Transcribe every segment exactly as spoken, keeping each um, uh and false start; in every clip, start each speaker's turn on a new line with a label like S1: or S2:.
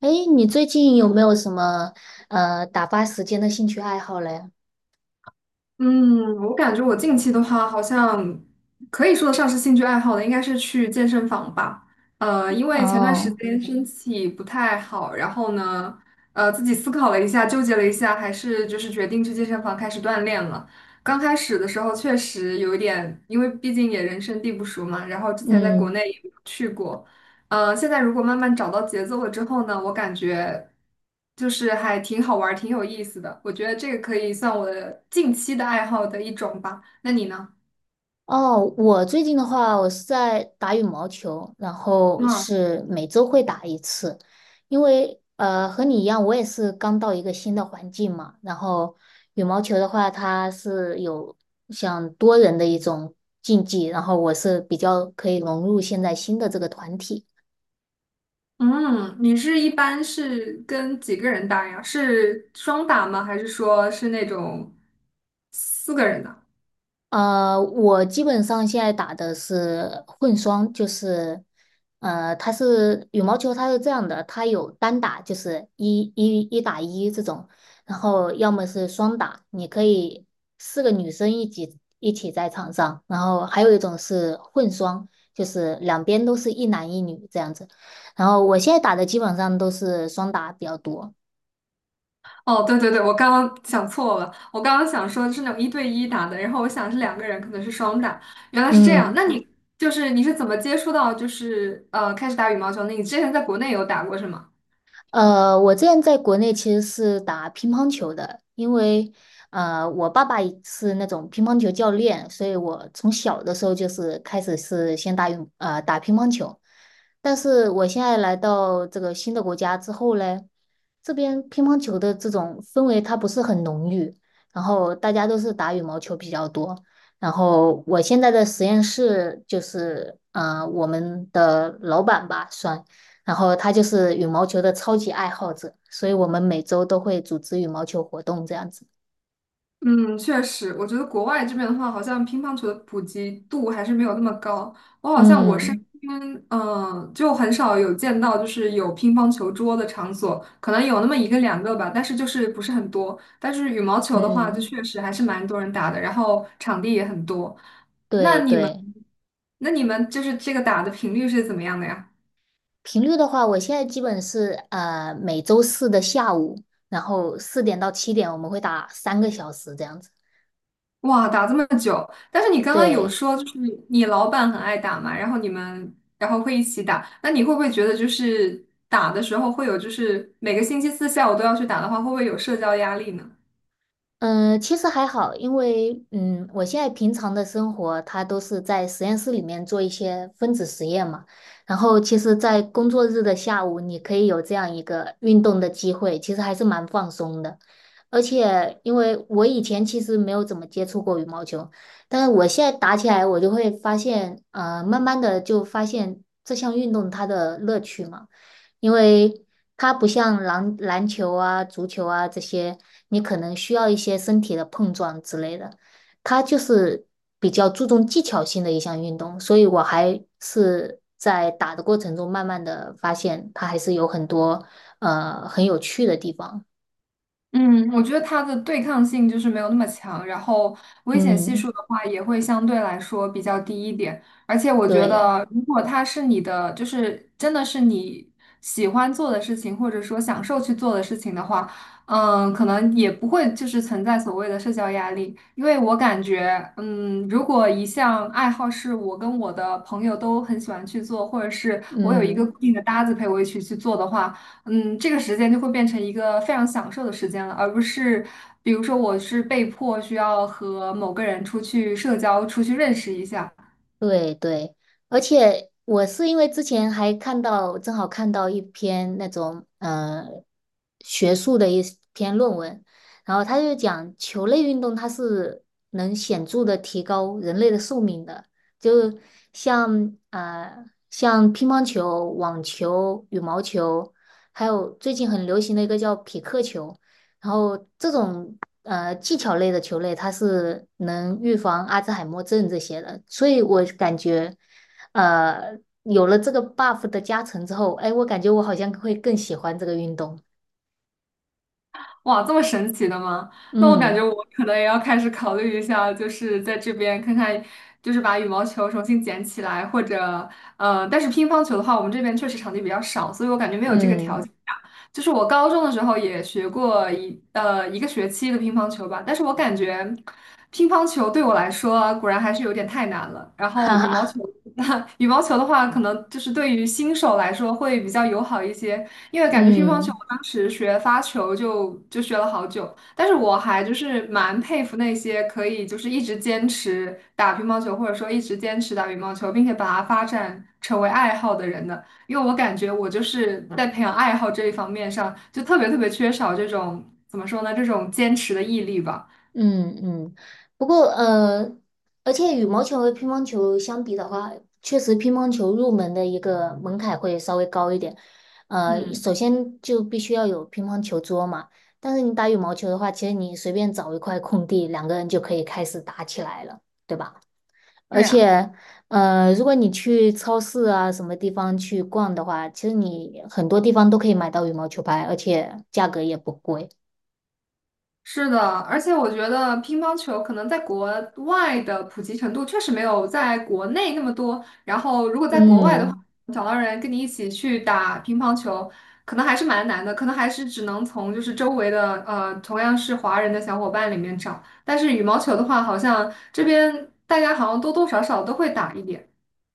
S1: 哎，你最近有没有什么呃打发时间的兴趣爱好嘞？
S2: 嗯，我感觉我近期的话，好像可以说得上是兴趣爱好的，应该是去健身房吧。呃，因为前段时
S1: 哦，
S2: 间身体不太好，然后呢，呃，自己思考了一下，纠结了一下，还是就是决定去健身房开始锻炼了。刚开始的时候确实有一点，因为毕竟也人生地不熟嘛，然后之前在国内
S1: 嗯，
S2: 也没有去过，呃，现在如果慢慢找到节奏了之后呢，我感觉就是还挺好玩儿，挺有意思的。我觉得这个可以算我的近期的爱好的一种吧。那你呢？
S1: 哦，我最近的话，我是在打羽毛球，然后
S2: 嗯
S1: 是每周会打一次，因为呃和你一样，我也是刚到一个新的环境嘛。然后羽毛球的话，它是有像多人的一种竞技，然后我是比较可以融入现在新的这个团体。
S2: 嗯，你是一般是跟几个人打呀？是双打吗？还是说是那种四个人的？
S1: 呃，我基本上现在打的是混双，就是，呃，它是羽毛球，它是这样的，它有单打，就是一一一打一这种，然后要么是双打，你可以四个女生一起一起在场上，然后还有一种是混双，就是两边都是一男一女这样子，然后我现在打的基本上都是双打比较多，
S2: 哦，对对对，我刚刚想错了，我刚刚想说是那种一对一打的，然后我想是两个人，可能是双打，原来是这样。
S1: 嗯。
S2: 那嗯你就是你是怎么接触到就是呃开始打羽毛球的？你之前在国内有打过是吗？
S1: 呃，我之前在国内其实是打乒乓球的，因为呃，我爸爸也是那种乒乓球教练，所以我从小的时候就是开始是先打羽呃打乒乓球。但是我现在来到这个新的国家之后嘞，这边乒乓球的这种氛围它不是很浓郁，然后大家都是打羽毛球比较多。然后我现在的实验室就是，呃，我们的老板吧，算。然后他就是羽毛球的超级爱好者，所以我们每周都会组织羽毛球活动这样子。
S2: 嗯，确实，我觉得国外这边的话，好像乒乓球的普及度还是没有那么高。我好像我身
S1: 嗯
S2: 边，嗯、就很少有见到就是有乒乓球桌的场所，可能有那么一个两个吧，但是就是不是很多。但是羽毛球的话，就
S1: 嗯，
S2: 确实还是蛮多人打的，然后场地也很多。
S1: 对对，
S2: 那你们就是这个打的频率是怎么样的呀？
S1: 频率的话，我现在基本是呃每周四的下午，然后四点到七点我们会打三个小时这样子。
S2: 哇，打这么久，但是你刚刚有
S1: 对。
S2: 说，就是你老板很爱打嘛，然后你们然后会一起打，那你会不会觉得就是打的时候会有，就是每个星期四下午都要去打的话，会不会有社交压力呢？
S1: 嗯，其实还好，因为嗯，我现在平常的生活，它都是在实验室里面做一些分子实验嘛。然后，其实，在工作日的下午，你可以有这样一个运动的机会，其实还是蛮放松的。而且，因为我以前其实没有怎么接触过羽毛球，但是我现在打起来，我就会发现，呃，慢慢的就发现这项运动它的乐趣嘛。因为它不像篮篮球啊、足球啊这些，你可能需要一些身体的碰撞之类的。它就是比较注重技巧性的一项运动，所以我还是在打的过程中慢慢的发现，它还是有很多呃很有趣的地方。
S2: 嗯，我觉得它的对抗性就是没有那么强，然后危险系
S1: 嗯，
S2: 数的话也会相对来说比较低一点。而且我觉
S1: 对，
S2: 得，如果它是你的，就是真的是你喜欢做的事情，或者说享受去做的事情的话，嗯，可能也不会就是存在所谓的社交压力。因为我感觉，嗯，如果一项爱好是我跟我的朋友都很喜欢去做，或者是我有一个
S1: 嗯。
S2: 固定的搭子陪我一起去做的话。嗯，这个时间就会变成一个非常享受的时间了，而不是比如说我是被迫需要和某个人出去社交，出去认识一下。
S1: 对对，而且我是因为之前还看到，正好看到一篇那种呃学术的一篇论文，然后他就讲球类运动它是能显著的提高人类的寿命的，就像呃像乒乓球、网球、羽毛球，还有最近很流行的一个叫匹克球，然后这种。呃技巧类的球类，它是能预防阿兹海默症这些的，所以我感觉，呃，有了这个 buff 的加成之后，哎，我感觉我好像会更喜欢这个运动。
S2: 哇，这么神奇的吗？那我感觉
S1: 嗯
S2: 我可能也要开始考虑一下，就是在这边看看，就是把羽毛球重新捡起来，或者呃，但是乒乓球的话，我们这边确实场地比较少，所以我感觉没有这个条
S1: 嗯，
S2: 件打就是我高中的时候也学过一呃一个学期的乒乓球吧，但是我感觉乒乓球对我来说啊果然还是有点太难了。然后
S1: 哈
S2: 羽毛
S1: 哈，
S2: 球，羽毛球的话，可能就是对于新手来说会比较友好一些。因为感觉乒乓球，
S1: 嗯。
S2: 我当时学发球就就学了好久，但是我还就是蛮佩服那些可以就是一直坚持打乒乓球，或者说一直坚持打羽毛球，并且把它发展成为爱好的人的。因为我感觉我就是在培养爱好这一方面上，就特别特别缺少这种怎么说呢，这种坚持的毅力吧。
S1: 嗯嗯，不过呃，而且羽毛球和乒乓球相比的话，确实乒乓球入门的一个门槛会稍微高一点。呃，
S2: 嗯，
S1: 首先就必须要有乒乓球桌嘛，但是你打羽毛球的话，其实你随便找一块空地，两个人就可以开始打起来了，对吧？
S2: 对
S1: 而
S2: 呀。
S1: 且呃，如果你去超市啊什么地方去逛的话，其实你很多地方都可以买到羽毛球拍，而且价格也不贵。
S2: 是的，而且我觉得乒乓球可能在国外的普及程度确实没有在国内那么多。然后，如果在国外的话，
S1: 嗯。
S2: 找到人跟你一起去打乒乓球，可能还是蛮难的，可能还是只能从就是周围的呃同样是华人的小伙伴里面找。但是羽毛球的话，好像这边大家好像多多少少都会打一点。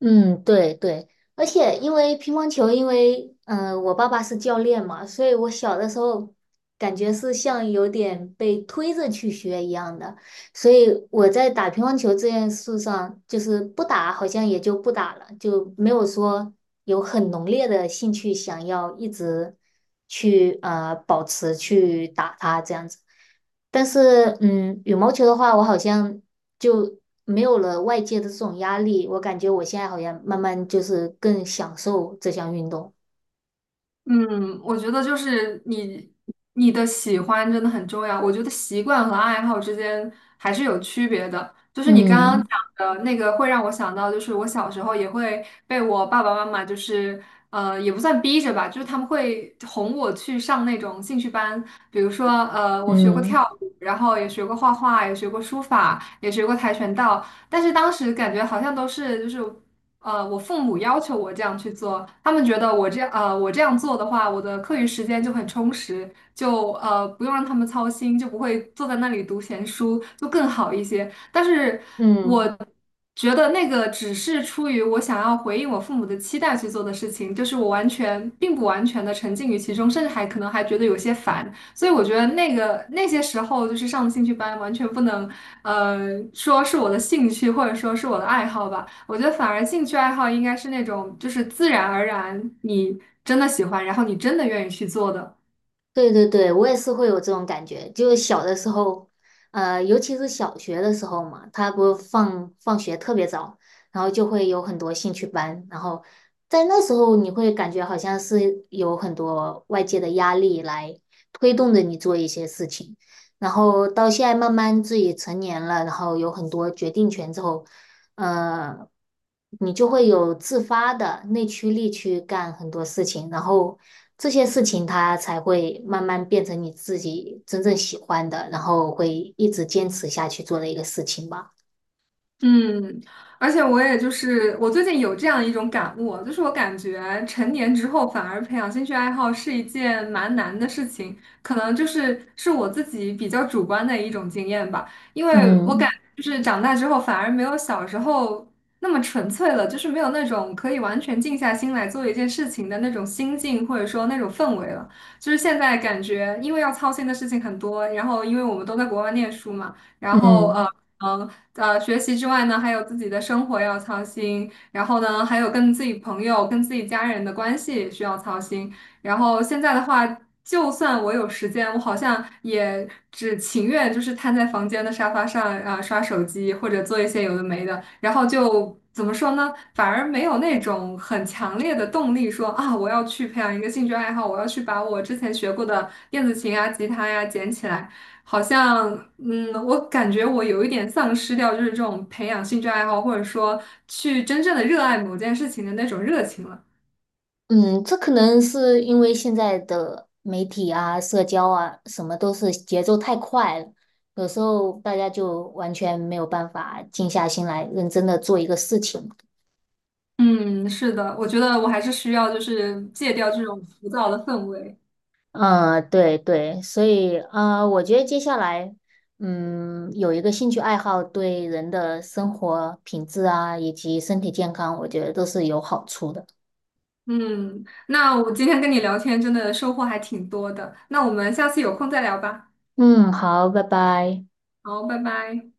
S1: 嗯，对对，而且因为乒乓球，因为嗯、呃我爸爸是教练嘛，所以我小的时候感觉是像有点被推着去学一样的，所以我在打乒乓球这件事上，就是不打好像也就不打了，就没有说有很浓烈的兴趣想要一直去呃保持去打它这样子。但是，嗯，羽毛球的话，我好像就没有了外界的这种压力，我感觉我现在好像慢慢就是更享受这项运动。
S2: 嗯，我觉得就是你你的喜欢真的很重要。我觉得习惯和爱好之间还是有区别的。就是你刚刚
S1: 嗯
S2: 讲的那个，会让我想到，就是我小时候也会被我爸爸妈妈，就是呃，也不算逼着吧，就是他们会哄我去上那种兴趣班，比如说呃，我学过跳
S1: 嗯，
S2: 舞，然后也学过画画，也学过书法，也学过跆拳道，但是当时感觉好像都是就是。呃，我父母要求我这样去做，他们觉得我这样，呃，我这样做的话，我的课余时间就很充实，就呃不用让他们操心，就不会坐在那里读闲书，就更好一些。但是我
S1: 嗯。
S2: 觉得那个只是出于我想要回应我父母的期待去做的事情，就是我完全并不完全的沉浸于其中，甚至还可能还觉得有些烦。所以我觉得那个那些时候就是上兴趣班，完全不能呃说是我的兴趣或者说是我的爱好吧。我觉得反而兴趣爱好应该是那种，就是自然而然你真的喜欢，然后你真的愿意去做的。
S1: 对对对，我也是会有这种感觉，就是小的时候，呃，尤其是小学的时候嘛，他不放放学特别早，然后就会有很多兴趣班，然后在那时候你会感觉好像是有很多外界的压力来推动着你做一些事情，然后到现在慢慢自己成年了，然后有很多决定权之后，呃，你就会有自发的内驱力去干很多事情，然后这些事情它才会慢慢变成你自己真正喜欢的，然后会一直坚持下去做的一个事情吧。
S2: 嗯，而且我也就是我最近有这样一种感悟，就是我感觉成年之后反而培养兴趣爱好是一件蛮难的事情，可能就是是我自己比较主观的一种经验吧，因为我感
S1: 嗯
S2: 就是长大之后反而没有小时候那么纯粹了，就是没有那种可以完全静下心来做一件事情的那种心境或者说那种氛围了，就是现在感觉因为要操心的事情很多，然后因为我们都在国外念书嘛。然后呃
S1: 嗯
S2: 嗯呃学习之外呢，还有自己的生活要操心，然后呢还有跟自己朋友、跟自己家人的关系也需要操心。然后现在的话，就算我有时间，我好像也只情愿就是瘫在房间的沙发上啊、刷手机或者做一些有的没的，然后就怎么说呢，反而没有那种很强烈的动力说啊我要去培养一个兴趣爱好，我要去把我之前学过的电子琴啊、吉他呀、捡起来。好像，嗯，我感觉我有一点丧失掉，就是这种培养兴趣爱好，或者说去真正的热爱某件事情的那种热情了。
S1: 嗯，这可能是因为现在的媒体啊、社交啊，什么都是节奏太快了，有时候大家就完全没有办法静下心来认真的做一个事情。
S2: 嗯，是的，我觉得我还是需要就是戒掉这种浮躁的氛围。
S1: 嗯，对对，所以啊，我觉得接下来，嗯，有一个兴趣爱好对人的生活品质啊，以及身体健康，我觉得都是有好处的。
S2: 嗯，那我今天跟你聊天真的收获还挺多的，那我们下次有空再聊吧。
S1: 嗯，好，拜拜。
S2: 好，拜拜。